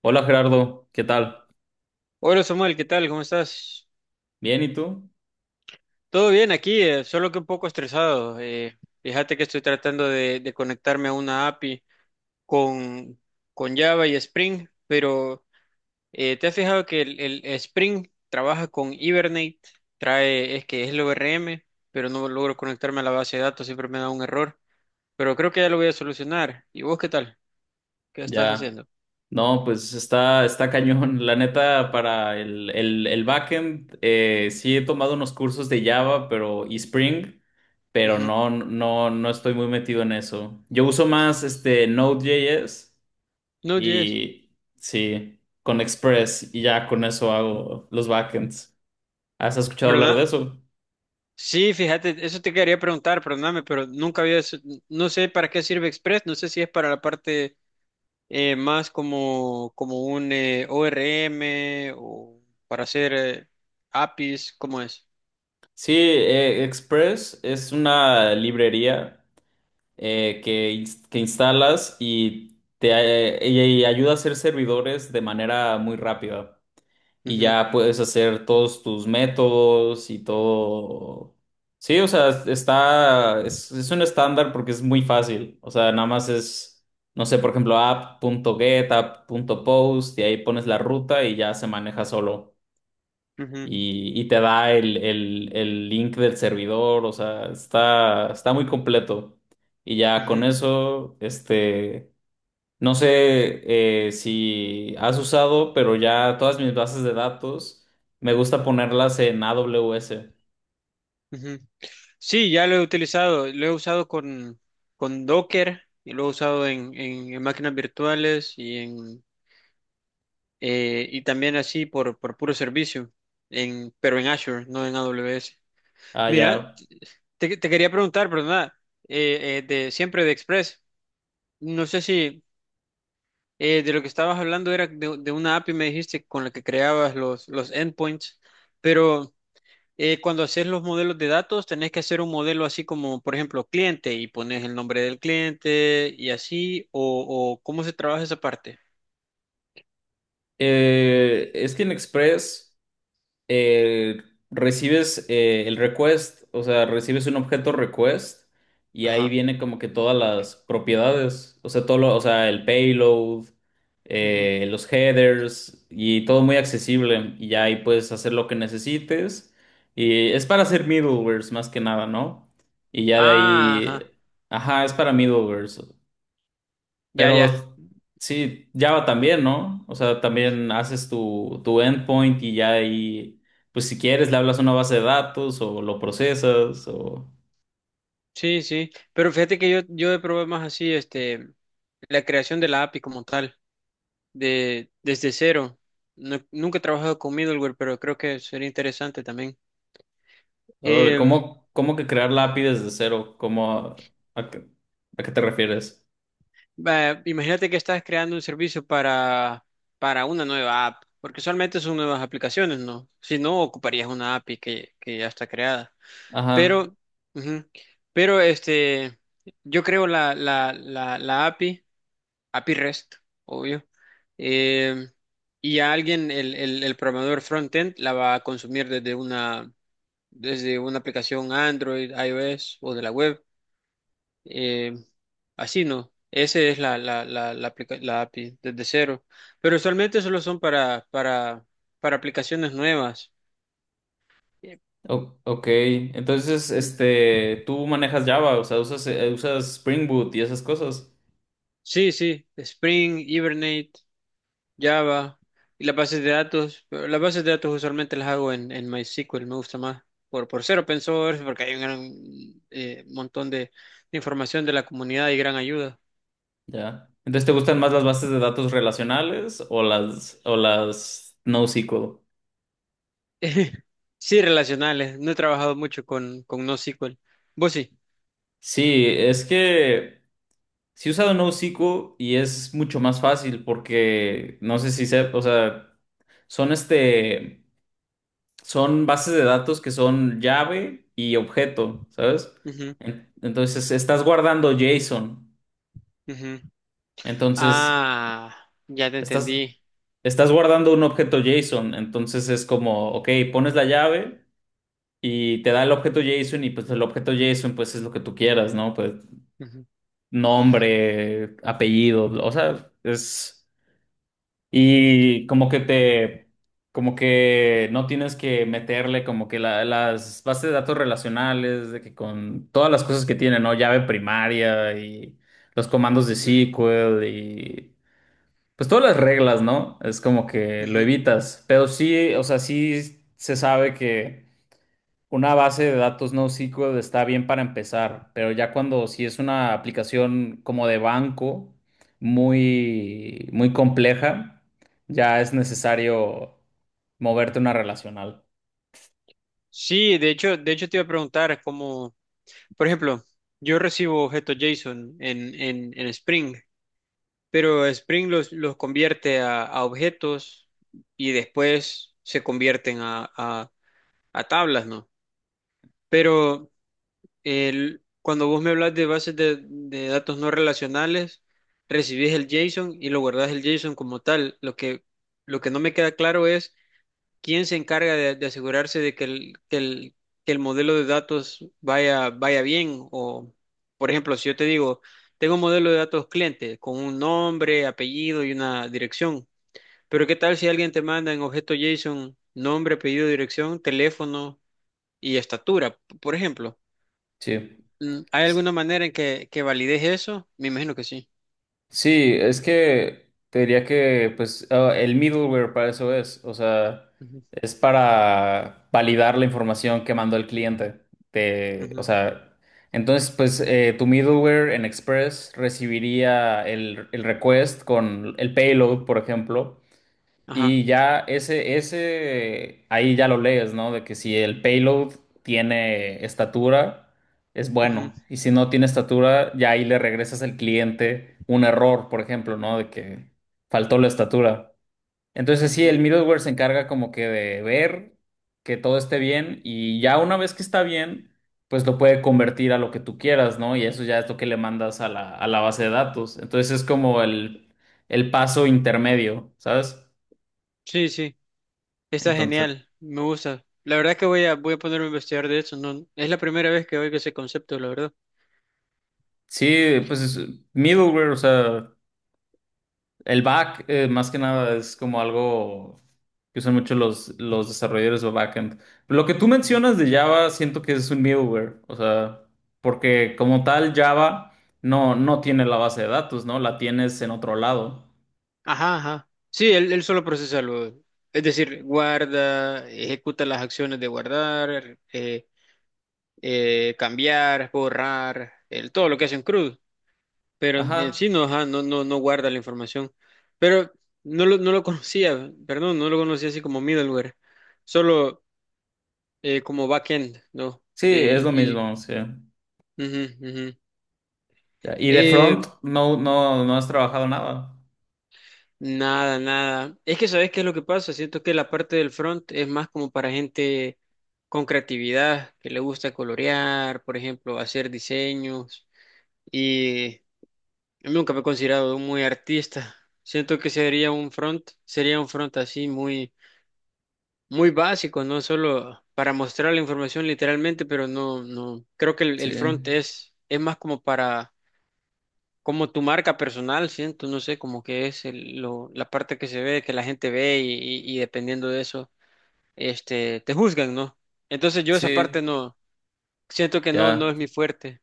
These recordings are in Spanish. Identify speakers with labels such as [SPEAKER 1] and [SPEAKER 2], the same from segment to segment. [SPEAKER 1] Hola Gerardo, ¿qué tal?
[SPEAKER 2] Hola Samuel, ¿qué tal? ¿Cómo estás?
[SPEAKER 1] Bien, ¿y tú?
[SPEAKER 2] Todo bien aquí, solo que un poco estresado. Fíjate que estoy tratando de conectarme a una API con, con Java y Spring, pero ¿te has fijado que el Spring trabaja con Hibernate? Trae, es que es el ORM, pero no logro conectarme a la base de datos, siempre me da un error. Pero creo que ya lo voy a solucionar. ¿Y vos qué tal? ¿Qué estás
[SPEAKER 1] Ya.
[SPEAKER 2] haciendo?
[SPEAKER 1] No, pues está cañón. La neta, para el backend, sí he tomado unos cursos de Java, pero y Spring, pero
[SPEAKER 2] No,
[SPEAKER 1] no estoy muy metido en eso. Yo uso más este Node.js
[SPEAKER 2] Node.js.
[SPEAKER 1] y sí, con Express y ya con eso hago los backends. ¿Has escuchado hablar de
[SPEAKER 2] ¿Verdad?
[SPEAKER 1] eso?
[SPEAKER 2] Sí, fíjate, eso te quería preguntar, perdóname, pero nunca había, no sé para qué sirve Express, no sé si es para la parte más como un ORM o para hacer APIs, ¿cómo es?
[SPEAKER 1] Sí, Express es una librería. Que instalas y te ayuda a hacer servidores de manera muy rápida. Y
[SPEAKER 2] Ujú,
[SPEAKER 1] ya puedes hacer todos tus métodos y todo. Sí, o sea, es un estándar porque es muy fácil. O sea, nada más es, no sé, por ejemplo, app.get, app.post, y ahí pones la ruta y ya se maneja solo,
[SPEAKER 2] ujú,
[SPEAKER 1] y te da el link del servidor, o sea, está muy completo. Y ya con
[SPEAKER 2] ujú,
[SPEAKER 1] eso, este, no sé, si has usado, pero ya todas mis bases de datos me gusta ponerlas en AWS.
[SPEAKER 2] ujú. Sí, ya lo he utilizado, lo he usado con Docker y lo he usado en, en máquinas virtuales y también así por puro servicio, pero en Azure, no en AWS.
[SPEAKER 1] Ah,
[SPEAKER 2] Mira.
[SPEAKER 1] ya.
[SPEAKER 2] Te quería preguntar, perdona, de siempre de Express. No sé si de lo que estabas hablando era de una API, me dijiste, con la que creabas los endpoints, pero cuando haces los modelos de datos, tenés que hacer un modelo así como, por ejemplo, cliente y pones el nombre del cliente y así, o cómo se trabaja esa parte.
[SPEAKER 1] Es que en Express. eh, Recibes el request, o sea, recibes un objeto request y ahí
[SPEAKER 2] Ajá.
[SPEAKER 1] viene como que todas las propiedades, o sea, el payload,
[SPEAKER 2] Ujú.
[SPEAKER 1] los headers y todo muy accesible, y ya ahí puedes hacer lo que necesites, y es para hacer middlewares más que nada, ¿no? Y ya de
[SPEAKER 2] Ah, ajá.
[SPEAKER 1] ahí, ajá, es para middlewares.
[SPEAKER 2] Ya, ya.
[SPEAKER 1] Pero sí, Java también, ¿no? O sea, también haces tu endpoint y ya ahí, pues si quieres, le hablas a una base de datos o lo procesas o...
[SPEAKER 2] Sí, sí. Pero fíjate que yo he probado más así, este, la creación de la API como tal. Desde cero. Nunca he trabajado con middleware, pero creo que sería interesante también.
[SPEAKER 1] Órale,
[SPEAKER 2] Em,
[SPEAKER 1] ¿cómo, cómo que crear la
[SPEAKER 2] Ujú.
[SPEAKER 1] API desde cero? ¿Cómo, a, qué, a qué te refieres?
[SPEAKER 2] Va, imagínate que estás creando un servicio para una nueva app, porque usualmente son nuevas aplicaciones, ¿no? Si no, ocuparías una API que ya está creada.
[SPEAKER 1] Ajá.
[SPEAKER 2] Pero, ujú, pero este, yo creo la API, API REST, obvio. Em, y a alguien, el programador frontend, la va a consumir Desde una. Aplicación Android, iOS o de la web. eh, Así no. Ese es la API desde cero. Pero usualmente solo son para, para aplicaciones nuevas. Eh,
[SPEAKER 1] O- ok. Entonces,
[SPEAKER 2] mm,
[SPEAKER 1] este, tú manejas Java, o sea, usas, usas Spring Boot y esas cosas.
[SPEAKER 2] Sí, sí. Spring, Hibernate, Java y las bases de datos. Pero las bases de datos usualmente las hago en MySQL. Me gusta más por ser open source porque hay un gran montón de información de la comunidad y gran ayuda.
[SPEAKER 1] Ya. Entonces, ¿te gustan más las bases de datos relacionales o las NoSQL?
[SPEAKER 2] Sí, relacionales. No he trabajado mucho con NoSQL. Vos sí.
[SPEAKER 1] Sí, es que si he usado NoSQL y es mucho más fácil porque no sé si sé, o sea, son este, son bases de datos que son llave y objeto, ¿sabes?
[SPEAKER 2] Ujú,
[SPEAKER 1] En- Entonces estás guardando JSON,
[SPEAKER 2] ujú.
[SPEAKER 1] entonces
[SPEAKER 2] Ah, ya te
[SPEAKER 1] estás,
[SPEAKER 2] entendí.
[SPEAKER 1] estás guardando un objeto JSON. Entonces es como, ok, pones la llave y te da el objeto JSON, y pues el objeto JSON pues es lo que tú quieras, ¿no? Pues
[SPEAKER 2] Ujú,
[SPEAKER 1] nombre, apellido, o sea, es...
[SPEAKER 2] ujú,
[SPEAKER 1] Y como que te, como que no tienes que meterle como que las bases de datos relacionales, de que con todas las cosas que tiene, ¿no? Llave primaria y los comandos de
[SPEAKER 2] ujú,
[SPEAKER 1] SQL y pues todas las reglas, ¿no? Es como que lo
[SPEAKER 2] ujú.
[SPEAKER 1] evitas. Pero sí, o sea, sí se sabe que una base de datos NoSQL está bien para empezar, pero ya cuando si es una aplicación como de banco muy, muy compleja, ya es necesario moverte a una relacional.
[SPEAKER 2] Sí, de hecho te iba a preguntar cómo, por ejemplo, yo recibo objetos JSON en, Spring, pero Spring los convierte a, objetos y después se convierten a tablas, ¿no? Pero cuando vos me hablas de bases de datos no relacionales, recibís el JSON y lo guardás el JSON como tal. Lo que no me queda claro es quién se encarga de asegurarse de que el modelo de datos vaya bien. O, por ejemplo, si yo te digo, tengo un modelo de datos cliente con un nombre, apellido y una dirección. Pero ¿qué tal si alguien te manda en objeto JSON nombre, apellido, dirección, teléfono y estatura, por ejemplo?
[SPEAKER 1] Sí.
[SPEAKER 2] ¿Hay alguna manera en que valides eso? Me imagino que sí.
[SPEAKER 1] Sí, es que te diría que pues ah, el middleware para eso es, o sea,
[SPEAKER 2] Ujú,
[SPEAKER 1] es para validar la información que mandó el cliente. De, o
[SPEAKER 2] ujú,
[SPEAKER 1] sea, entonces pues tu middleware en Express recibiría el request con el payload, por ejemplo,
[SPEAKER 2] Ajá.
[SPEAKER 1] y ya ahí ya lo lees, ¿no? De que si el payload tiene estatura, es
[SPEAKER 2] Ujú,
[SPEAKER 1] bueno. Y si no tiene estatura, ya ahí le regresas al cliente un error, por ejemplo, ¿no? De que faltó la estatura. Entonces sí, el
[SPEAKER 2] ujú.
[SPEAKER 1] middleware se encarga como que de ver que todo esté bien, y ya una vez que está bien, pues lo puede convertir a lo que tú quieras, ¿no? Y eso ya es lo que le mandas a la base de datos. Entonces es como el paso intermedio, ¿sabes?
[SPEAKER 2] Sí, sí. Está
[SPEAKER 1] Entonces,
[SPEAKER 2] genial. Me gusta. La verdad que voy a ponerme a investigar de eso. No, es la primera vez que oigo ese concepto, la verdad.
[SPEAKER 1] sí, pues es middleware, o sea, el back más que nada es como algo que usan mucho los desarrolladores de backend. Lo que tú
[SPEAKER 2] Ujú.
[SPEAKER 1] mencionas de Java, siento que es un middleware, o sea, porque como tal Java no tiene la base de datos, ¿no? La tienes en otro lado.
[SPEAKER 2] Ajá, ajá. Sí, él solo procesa lo. Es decir, guarda, ejecuta las acciones de guardar, cambiar, borrar, todo lo que hace en CRUD. Pero en sí
[SPEAKER 1] Ajá,
[SPEAKER 2] no, ajá, no, no, no guarda la información. Pero no lo conocía, perdón, no lo conocía así como middleware, solo como backend, ¿no?
[SPEAKER 1] sí,
[SPEAKER 2] Eh,
[SPEAKER 1] es lo
[SPEAKER 2] y
[SPEAKER 1] mismo, sí.
[SPEAKER 2] Ujú, ujú.
[SPEAKER 1] Ya, y de
[SPEAKER 2] Eh,
[SPEAKER 1] front no, no has trabajado nada.
[SPEAKER 2] Nada, nada. Es que ¿sabes qué es lo que pasa? Siento que la parte del front es más como para gente con creatividad, que le gusta colorear, por ejemplo, hacer diseños. Y yo nunca me he considerado muy artista. Siento que sería un front así muy muy básico, ¿no? Solo para mostrar la información literalmente, pero no, creo que el,
[SPEAKER 1] Sí,
[SPEAKER 2] el front es más como para, como tu marca personal, siento, no sé, como que es la parte que se ve, que la gente ve y dependiendo de eso, este, te juzgan, ¿no? Entonces yo esa parte
[SPEAKER 1] sí,
[SPEAKER 2] no, siento que no es
[SPEAKER 1] ya.
[SPEAKER 2] mi fuerte.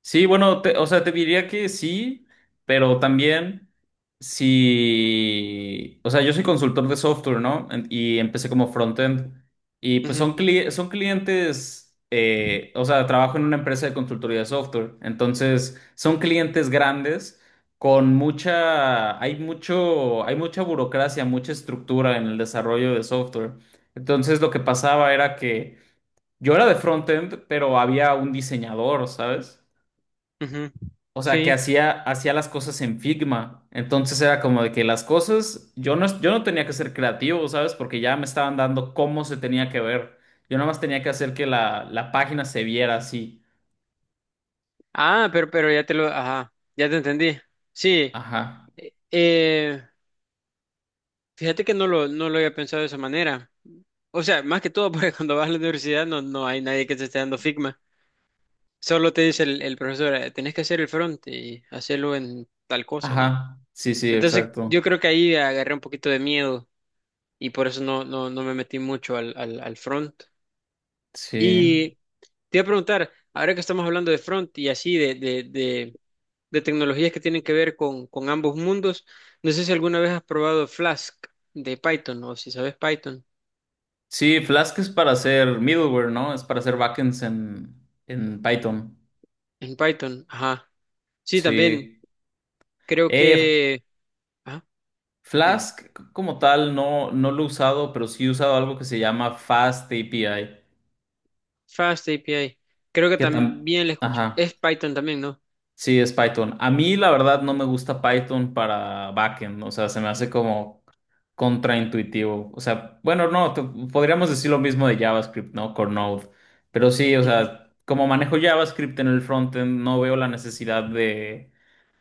[SPEAKER 1] Sí, bueno, te- o sea, te diría que sí, pero también si, o sea, yo soy consultor de software, ¿no? En- Y empecé como frontend. Y pues
[SPEAKER 2] Ujú,
[SPEAKER 1] son, son clientes, o sea, trabajo en una empresa de consultoría de software. Entonces, son clientes grandes con mucha, hay mucho, hay mucha burocracia, mucha estructura en el desarrollo de software. Entonces, lo que pasaba era que yo era de frontend, pero había un diseñador, ¿sabes?
[SPEAKER 2] ujú.
[SPEAKER 1] O sea, que
[SPEAKER 2] Sí.
[SPEAKER 1] hacía las cosas en Figma. Entonces era como de que las cosas, yo no tenía que ser creativo, ¿sabes? Porque ya me estaban dando cómo se tenía que ver. Yo nada más tenía que hacer que la página se viera así.
[SPEAKER 2] Ah, pero ajá, ya te entendí. Sí.
[SPEAKER 1] Ajá.
[SPEAKER 2] Eh, Fíjate que no lo había pensado de esa manera. O sea, más que todo, porque cuando vas a la universidad no hay nadie que te esté dando Figma. Solo te dice el profesor, Tenés que hacer el front y hacerlo en tal cosa, ¿no?
[SPEAKER 1] Ajá. Sí, sí,
[SPEAKER 2] Entonces, yo
[SPEAKER 1] exacto.
[SPEAKER 2] creo que ahí agarré un poquito de miedo y por eso no me metí mucho al front.
[SPEAKER 1] Sí.
[SPEAKER 2] Y te iba a preguntar, ahora que estamos hablando de front y así, de tecnologías que tienen que ver con ambos mundos, no sé si alguna vez has probado Flask de Python o si sabes Python.
[SPEAKER 1] Sí, Flask es para hacer middleware, ¿no? Es para hacer backends en Python.
[SPEAKER 2] En Python, ajá. Sí, también
[SPEAKER 1] Sí.
[SPEAKER 2] creo
[SPEAKER 1] Eh,
[SPEAKER 2] que... Ajá, dime.
[SPEAKER 1] Flask como tal no, no lo he usado, pero sí he usado algo que se llama FastAPI.
[SPEAKER 2] Fast API. Creo que
[SPEAKER 1] Que tam-
[SPEAKER 2] también le escuché.
[SPEAKER 1] Ajá.
[SPEAKER 2] Es Python también, ¿no?
[SPEAKER 1] Sí, es Python. A mí, la verdad, no me gusta Python para backend. O sea, se me hace como contraintuitivo. O sea, bueno, no, te- podríamos decir lo mismo de JavaScript, ¿no? Con Node. Pero sí, o
[SPEAKER 2] Ujú.
[SPEAKER 1] sea, como manejo JavaScript en el frontend, no veo la necesidad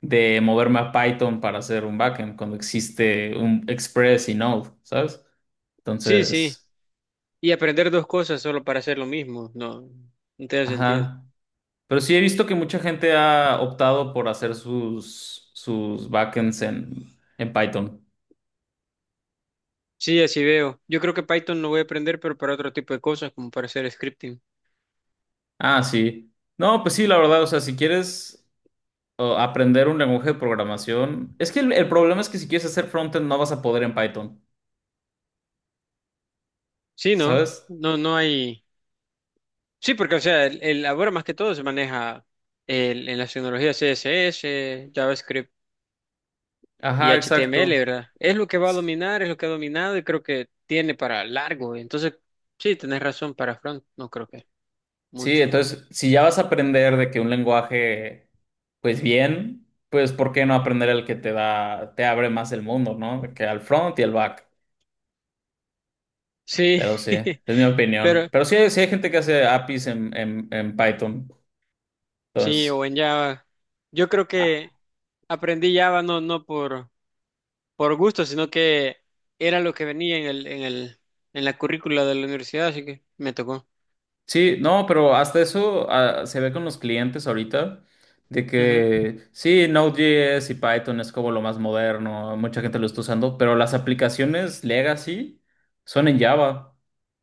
[SPEAKER 1] de moverme a Python para hacer un backend cuando existe un Express y Node, ¿sabes?
[SPEAKER 2] Sí, sí.
[SPEAKER 1] Entonces,
[SPEAKER 2] Y aprender dos cosas solo para hacer lo mismo. No, no tiene sentido.
[SPEAKER 1] ajá. Pero sí he visto que mucha gente ha optado por hacer sus backends en Python.
[SPEAKER 2] Sí, así veo. Yo creo que Python lo voy a aprender, pero para otro tipo de cosas, como para hacer scripting.
[SPEAKER 1] Ah, sí. No, pues sí, la verdad, o sea, si quieres aprender un lenguaje de programación, es que el problema es que si quieres hacer frontend no vas a poder en Python,
[SPEAKER 2] Sí, ¿no?
[SPEAKER 1] ¿sabes?
[SPEAKER 2] No, no hay... Sí, porque, o sea, ahora más que todo se maneja en las tecnologías CSS, JavaScript. Y
[SPEAKER 1] Ajá,
[SPEAKER 2] HTML,
[SPEAKER 1] exacto.
[SPEAKER 2] ¿verdad? Es lo que va a
[SPEAKER 1] S-
[SPEAKER 2] dominar, es lo que ha dominado y creo que tiene para largo. Entonces, sí, tenés razón, para front no creo que
[SPEAKER 1] Sí,
[SPEAKER 2] mucho.
[SPEAKER 1] entonces, si ya vas a aprender de que un lenguaje, pues bien, pues ¿por qué no aprender el que te da, te abre más el mundo, ¿no? De que al front y al back.
[SPEAKER 2] Sí,
[SPEAKER 1] Pero sí, es mi opinión.
[SPEAKER 2] pero
[SPEAKER 1] Pero sí hay gente que hace APIs en, en Python.
[SPEAKER 2] sí, o
[SPEAKER 1] Entonces,
[SPEAKER 2] en Java. Yo creo
[SPEAKER 1] ah,
[SPEAKER 2] que aprendí Java no por gusto, sino que era lo que venía en la currícula de la universidad, así que me tocó.
[SPEAKER 1] sí, no, pero hasta eso ah, se ve con los clientes ahorita, de
[SPEAKER 2] Ujú.
[SPEAKER 1] que sí, Node.js y Python es como lo más moderno, mucha gente lo está usando, pero las aplicaciones legacy son en Java.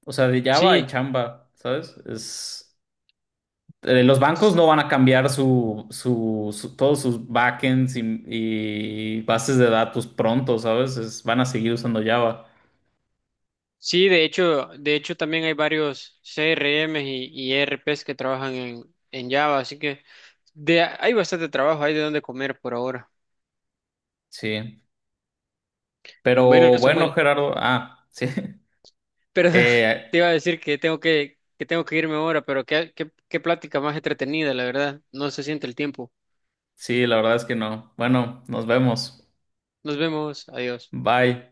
[SPEAKER 1] O sea, de Java y
[SPEAKER 2] Sí.
[SPEAKER 1] Chamba, ¿sabes? Es... los bancos no van a cambiar todos sus backends y bases de datos pronto, ¿sabes? Es- van a seguir usando Java.
[SPEAKER 2] Sí, de hecho también hay varios CRMs y ERPs que trabajan en, Java, así que hay bastante trabajo, hay de dónde comer por ahora.
[SPEAKER 1] Sí.
[SPEAKER 2] Bueno,
[SPEAKER 1] Pero bueno,
[SPEAKER 2] Samuel,
[SPEAKER 1] Gerardo. Ah, sí.
[SPEAKER 2] pero te
[SPEAKER 1] Eh,
[SPEAKER 2] iba a decir que tengo que irme ahora, pero qué plática más entretenida, la verdad. No se siente el tiempo.
[SPEAKER 1] sí, la verdad es que no. Bueno, nos vemos.
[SPEAKER 2] Nos vemos, adiós.
[SPEAKER 1] Bye.